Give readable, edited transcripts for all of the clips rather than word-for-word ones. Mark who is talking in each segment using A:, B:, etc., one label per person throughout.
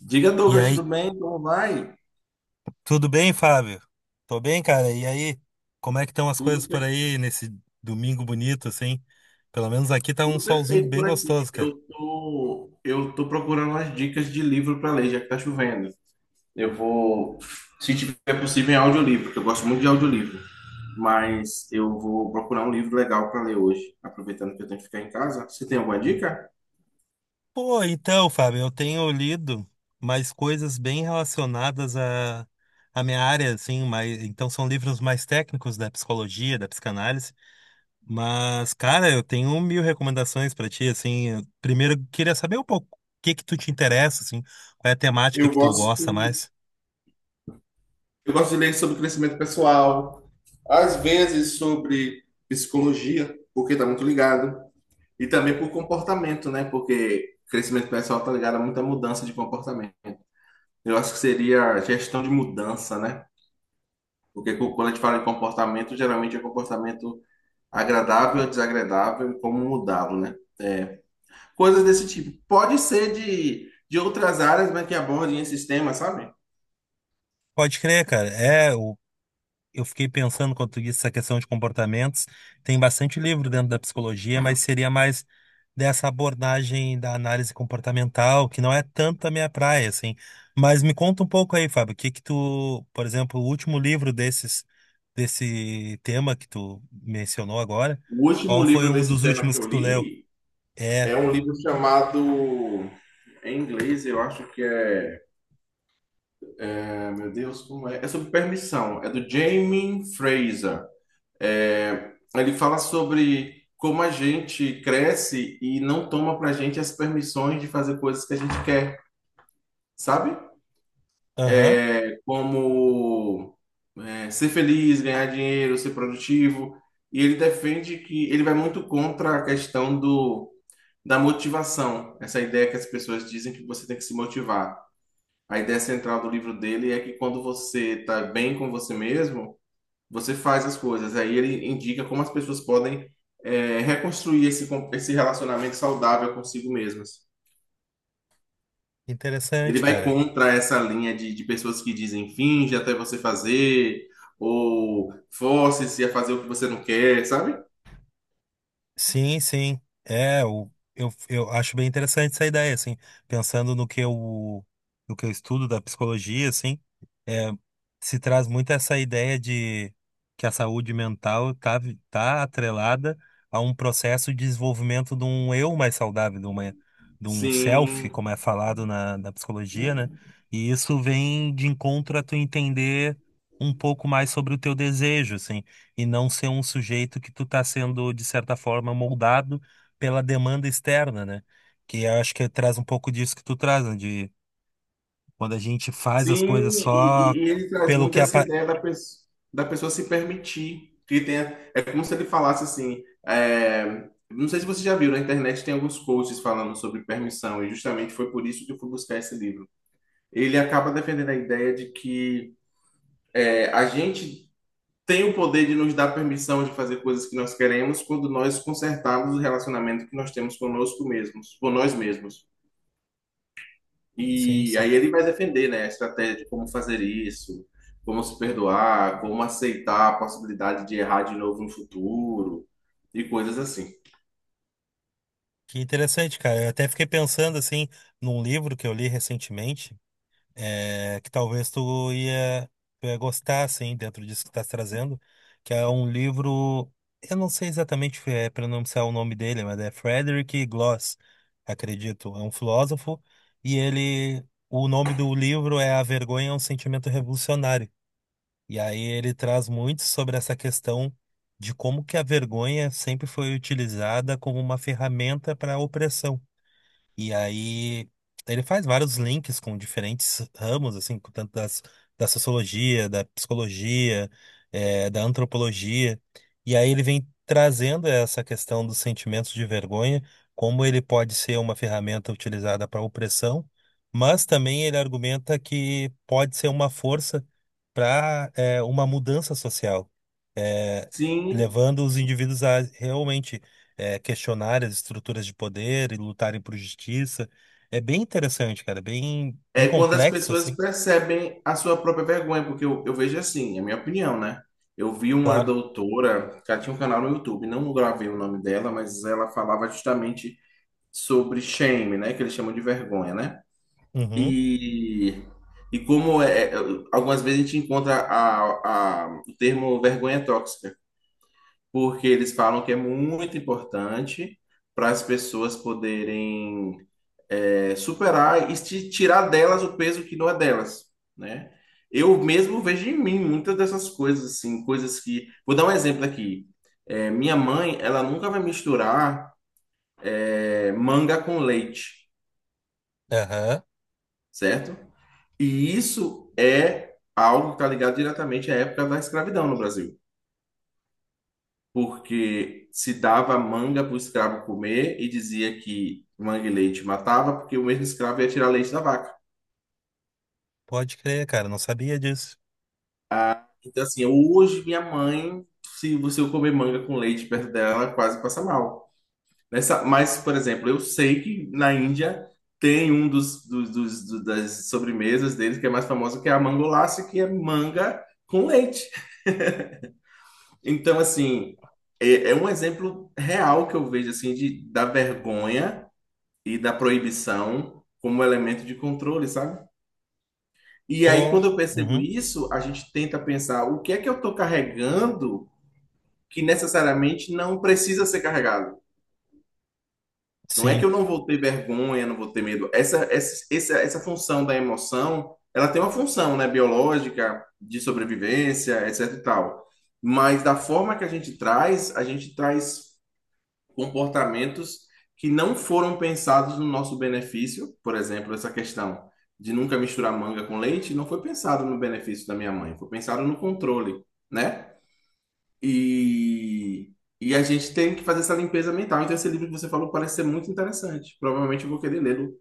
A: Diga,
B: E
A: Douglas, tudo
B: aí,
A: bem? Como vai?
B: tudo bem, Fábio? Tô bem, cara. E aí, como é que estão as
A: Tudo,
B: coisas por
A: per-
B: aí nesse domingo bonito, assim? Pelo menos aqui tá um
A: tudo
B: solzinho
A: perfeito
B: bem
A: por aqui.
B: gostoso, cara.
A: Eu tô procurando umas dicas de livro para ler, já que tá chovendo. Eu vou, se tiver possível, em audiolivro, porque eu gosto muito de audiolivro. Mas eu vou procurar um livro legal para ler hoje, aproveitando que eu tenho que ficar em casa. Você tem alguma dica?
B: Pô, então, Fábio, eu tenho lido mais coisas bem relacionadas à minha área, assim, mas então são livros mais técnicos da psicologia, da psicanálise. Mas, cara, eu tenho mil recomendações pra ti, assim. Eu Primeiro, eu queria saber um pouco o que que tu te interessa, assim, qual é a temática
A: Eu
B: que tu gosta
A: gosto,
B: mais.
A: eu gosto de ler sobre crescimento pessoal, às vezes sobre psicologia, porque está muito ligado. E também por comportamento, né? Porque crescimento pessoal tá ligado a muita mudança de comportamento. Eu acho que seria gestão de mudança, né? Quando a gente fala de comportamento, geralmente é um comportamento agradável, desagradável e como mudá-lo, né? É, coisas desse tipo. Pode ser de outras áreas, mas que abordem esses temas, sabe?
B: Pode crer, cara. Eu fiquei pensando quando tu disse essa questão de comportamentos. Tem bastante livro dentro da psicologia, mas seria mais dessa abordagem da análise comportamental, que não é tanto a minha praia, assim. Mas me conta um pouco aí, Fábio, o que que tu, por exemplo, o último livro desses, desse tema que tu mencionou agora,
A: O último
B: qual foi
A: livro
B: um dos
A: desse tema
B: últimos
A: que eu
B: que tu leu?
A: li
B: É.
A: é um livro chamado, em inglês, eu acho que é, é, meu Deus, como é? É sobre permissão. É do Jamie Fraser. Ele fala sobre como a gente cresce e não toma pra gente as permissões de fazer coisas que a gente quer, sabe?
B: Aham.
A: É como ser feliz, ganhar dinheiro, ser produtivo. E ele defende que ele vai muito contra a questão da motivação, essa ideia que as pessoas dizem que você tem que se motivar. A ideia central do livro dele é que quando você está bem com você mesmo, você faz as coisas. Aí ele indica como as pessoas podem reconstruir esse relacionamento saudável consigo mesmas. Ele
B: Interessante,
A: vai
B: cara.
A: contra essa linha de pessoas que dizem finge até você fazer, ou force-se a fazer o que você não quer, sabe?
B: Sim, sim. Eu acho bem interessante essa ideia, assim, pensando no que eu estudo da psicologia, assim, é, se traz muito essa ideia de que a saúde mental tá atrelada a um processo de desenvolvimento de um eu mais saudável, de um self,
A: Sim.
B: como é falado na psicologia, né? E isso vem de encontro a tu entender um pouco mais sobre o teu desejo, assim, e não ser um sujeito que tu tá sendo, de certa forma, moldado pela demanda externa, né? Que eu acho que traz um pouco disso que tu traz, né? De quando a gente faz as
A: Sim,
B: coisas só
A: e ele traz
B: pelo
A: muito
B: que
A: essa
B: apa...
A: ideia da pessoa se permitir. Que tenha, é como se ele falasse assim. Não sei se você já viu, na internet tem alguns posts falando sobre permissão, e justamente foi por isso que eu fui buscar esse livro. Ele acaba defendendo a ideia de que a gente tem o poder de nos dar permissão de fazer coisas que nós queremos quando nós consertarmos o relacionamento que nós temos conosco mesmos, com nós mesmos.
B: Sim,
A: E
B: sim.
A: aí ele vai defender, né, a estratégia de como fazer isso, como se perdoar, como aceitar a possibilidade de errar de novo no futuro e coisas assim.
B: Que interessante, cara. Eu até fiquei pensando, assim, num livro que eu li recentemente, que tu ia gostar, assim, dentro disso que estás trazendo, que é um livro, eu não sei exatamente pronunciar o nome dele, mas é Frederick Gloss, acredito, é um filósofo, e ele, o nome do livro é A Vergonha é um Sentimento Revolucionário, e aí ele traz muito sobre essa questão de como que a vergonha sempre foi utilizada como uma ferramenta para a opressão. E aí ele faz vários links com diferentes ramos, assim, com tanto da sociologia, da psicologia, da antropologia. E aí ele vem trazendo essa questão dos sentimentos de vergonha, como ele pode ser uma ferramenta utilizada para opressão, mas também ele argumenta que pode ser uma força para uma mudança social, eh,
A: Sim,
B: levando os indivíduos a realmente questionar as estruturas de poder e lutarem por justiça. É bem interessante, cara, bem
A: é quando as
B: complexo,
A: pessoas
B: assim,
A: percebem a sua própria vergonha, porque eu vejo assim, é a minha opinião, né? Eu vi uma
B: claro.
A: doutora que ela tinha um canal no YouTube, não gravei o nome dela, mas ela falava justamente sobre shame, né, que eles chamam de vergonha, né?
B: Uhum.
A: E, e como é, algumas vezes a gente encontra o termo vergonha tóxica, porque eles falam que é muito importante para as pessoas poderem superar e tirar delas o peso que não é delas, né? Eu mesmo vejo em mim muitas dessas coisas, assim, coisas que... Vou dar um exemplo aqui. É, minha mãe, ela nunca vai misturar manga com leite,
B: Aham.
A: certo? E isso é algo que está ligado diretamente à época da escravidão no Brasil, porque se dava manga para o escravo comer e dizia que manga e leite matava, porque o mesmo escravo ia tirar leite da vaca.
B: Pode crer, cara, não sabia disso.
A: Então, assim, hoje minha mãe, se você comer manga com leite perto dela, quase passa mal. Nessa, mas, por exemplo, eu sei que na Índia tem um das sobremesas deles que é mais famosa, que é a mangolace, que é manga com leite. Então, assim, é um exemplo real que eu vejo, assim, da vergonha e da proibição como elemento de controle, sabe? E aí,
B: Pô,
A: quando eu percebo
B: uhum,
A: isso, a gente tenta pensar o que é que eu estou carregando que necessariamente não precisa ser carregado. Não é que
B: sim,
A: eu não vou ter vergonha, não vou ter medo. Essa função da emoção, ela tem uma função, né, biológica, de sobrevivência, etc e tal. Mas da forma que a gente traz comportamentos que não foram pensados no nosso benefício, por exemplo, essa questão de nunca misturar manga com leite, não foi pensado no benefício da minha mãe, foi pensado no controle, né? E, e a gente tem que fazer essa limpeza mental. Então, esse livro que você falou parece ser muito interessante. Provavelmente eu vou querer lê-lo,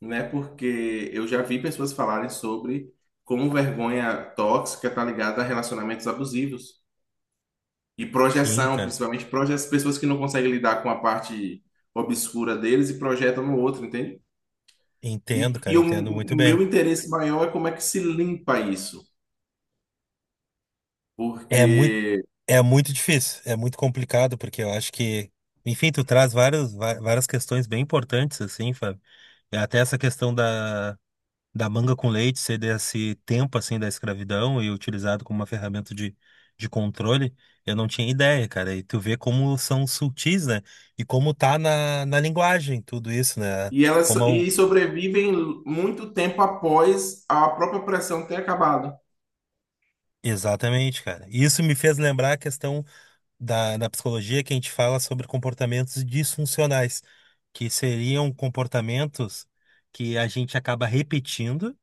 A: né? Porque eu já vi pessoas falarem sobre como vergonha tóxica está ligada a relacionamentos abusivos. E
B: sim,
A: projeção, principalmente projeção, pessoas que não conseguem lidar com a parte obscura deles e projetam no outro, entende? E
B: cara,
A: o
B: entendo
A: o
B: muito bem.
A: meu interesse maior é como é que se limpa isso,
B: É muito,
A: porque
B: é muito difícil, é muito complicado, porque eu acho que, enfim, tu traz várias, va- várias questões bem importantes, assim, Fábio. É. Até essa questão da manga com leite ser desse tempo assim da escravidão e utilizado como uma ferramenta de controle, eu não tinha ideia, cara. E tu vê como são sutis, né? E como tá na linguagem tudo isso, né? Como é
A: e sobrevivem muito tempo após a própria pressão ter acabado.
B: Exatamente, cara. E isso me fez lembrar a questão da psicologia que a gente fala sobre comportamentos disfuncionais, que seriam comportamentos que a gente acaba repetindo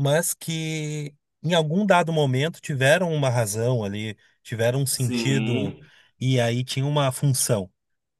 B: mas que em algum dado momento tiveram uma razão ali, tiveram um sentido
A: Sim,
B: e aí tinha uma função.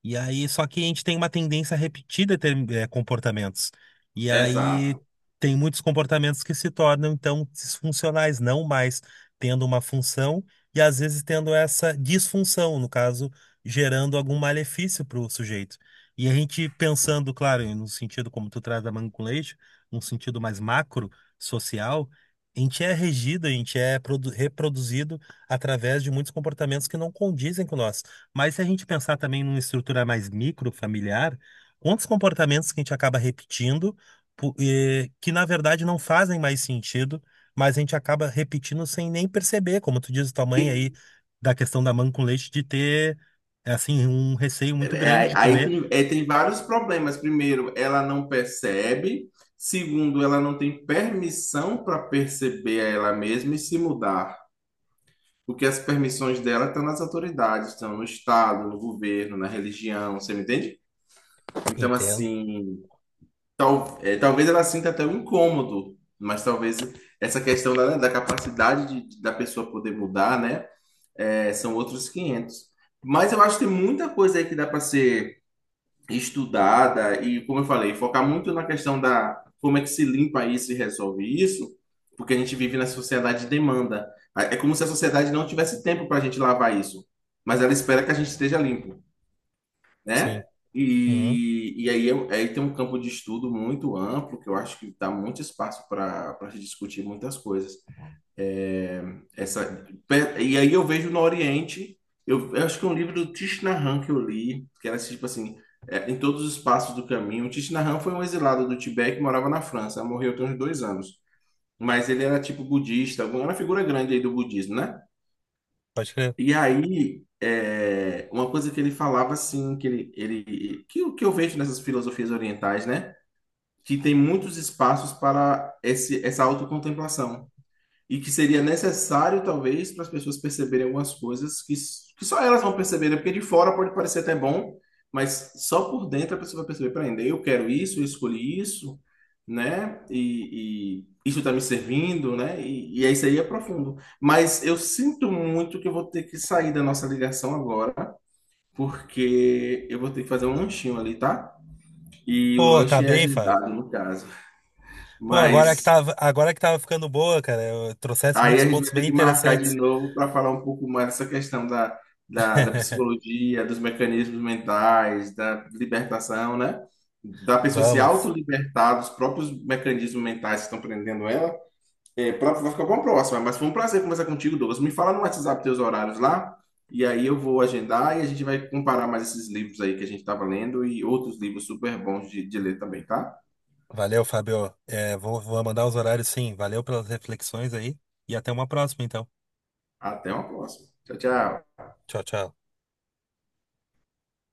B: E aí, só que a gente tem uma tendência a repetir comportamentos. E aí,
A: exato.
B: tem muitos comportamentos que se tornam, então, disfuncionais, não mais tendo uma função e, às vezes, tendo essa disfunção, no caso, gerando algum malefício para o sujeito. E a gente pensando, claro, no sentido como tu traz da manga com leite, num sentido mais macro, social, a gente é regido, a gente é produ- reproduzido através de muitos comportamentos que não condizem com nós. Mas se a gente pensar também numa estrutura mais microfamiliar, quantos comportamentos que a gente acaba repetindo, que na verdade não fazem mais sentido, mas a gente acaba repetindo sem nem perceber, como tu diz, tua mãe
A: E
B: aí, da questão da mãe com leite, de ter, assim, um receio muito grande de comer.
A: tem vários problemas. Primeiro, ela não percebe. Segundo, ela não tem permissão para perceber ela mesma e se mudar. Porque as permissões dela estão nas autoridades, estão no Estado, no governo, na religião, você me entende? Então,
B: Entendo,
A: assim, talvez ela sinta até um incômodo, mas talvez essa questão da da pessoa poder mudar, né? São outros 500. Mas eu acho que tem muita coisa aí que dá para ser estudada e, como eu falei, focar muito na questão da como é que se limpa isso e resolve isso, porque a gente vive na sociedade de demanda. É como se a sociedade não tivesse tempo para a gente lavar isso, mas ela espera que a gente esteja limpo, né?
B: sim. Uhum,
A: E aí, aí tem um campo de estudo muito amplo, que eu acho que dá muito espaço para se discutir muitas coisas. É, Essa, e aí eu vejo no Oriente, eu acho que é um livro do Thich Nhat Hanh que eu li, que era tipo assim, em todos os passos do caminho. O Thich Nhat Hanh foi um exilado do Tibete que morava na França, morreu tem uns dois anos. Mas ele era tipo budista, era uma figura grande aí do budismo, né?
B: pode crer.
A: E aí, uma coisa que ele falava assim, que ele que, o que eu vejo nessas filosofias orientais, né? Que tem muitos espaços para essa autocontemplação e que seria necessário, talvez, para as pessoas perceberem algumas coisas que só elas vão perceberem, porque de fora pode parecer até bom, mas só por dentro a pessoa vai perceber, peraí, eu quero isso, eu escolhi isso, né? E isso está me servindo, né? E é isso, aí é profundo. Mas eu sinto muito que eu vou ter que sair da nossa ligação agora, porque eu vou ter que fazer um lanchinho ali, tá? E o
B: Pô, tá
A: lanche é
B: bem, Fábio.
A: agendado, no caso.
B: Pô,
A: Mas
B: agora que tava ficando boa, cara, eu trouxesse
A: aí
B: muitos
A: a gente
B: pontos
A: vai ter
B: bem
A: que marcar de
B: interessantes.
A: novo para falar um pouco mais dessa questão da psicologia, dos mecanismos mentais, da libertação, né? Da pessoa se
B: Vamos.
A: autolibertar dos próprios mecanismos mentais que estão prendendo ela. Vai ficar bom próxima, mas foi um prazer conversar contigo, Douglas. Me fala no WhatsApp teus horários lá, e aí eu vou agendar e a gente vai comparar mais esses livros aí que a gente estava lendo e outros livros super bons de ler também, tá?
B: Valeu, Fábio. Vou mandar os horários sim. Valeu pelas reflexões aí e até uma próxima, então.
A: Até uma próxima. Tchau, tchau.
B: Tchau, tchau.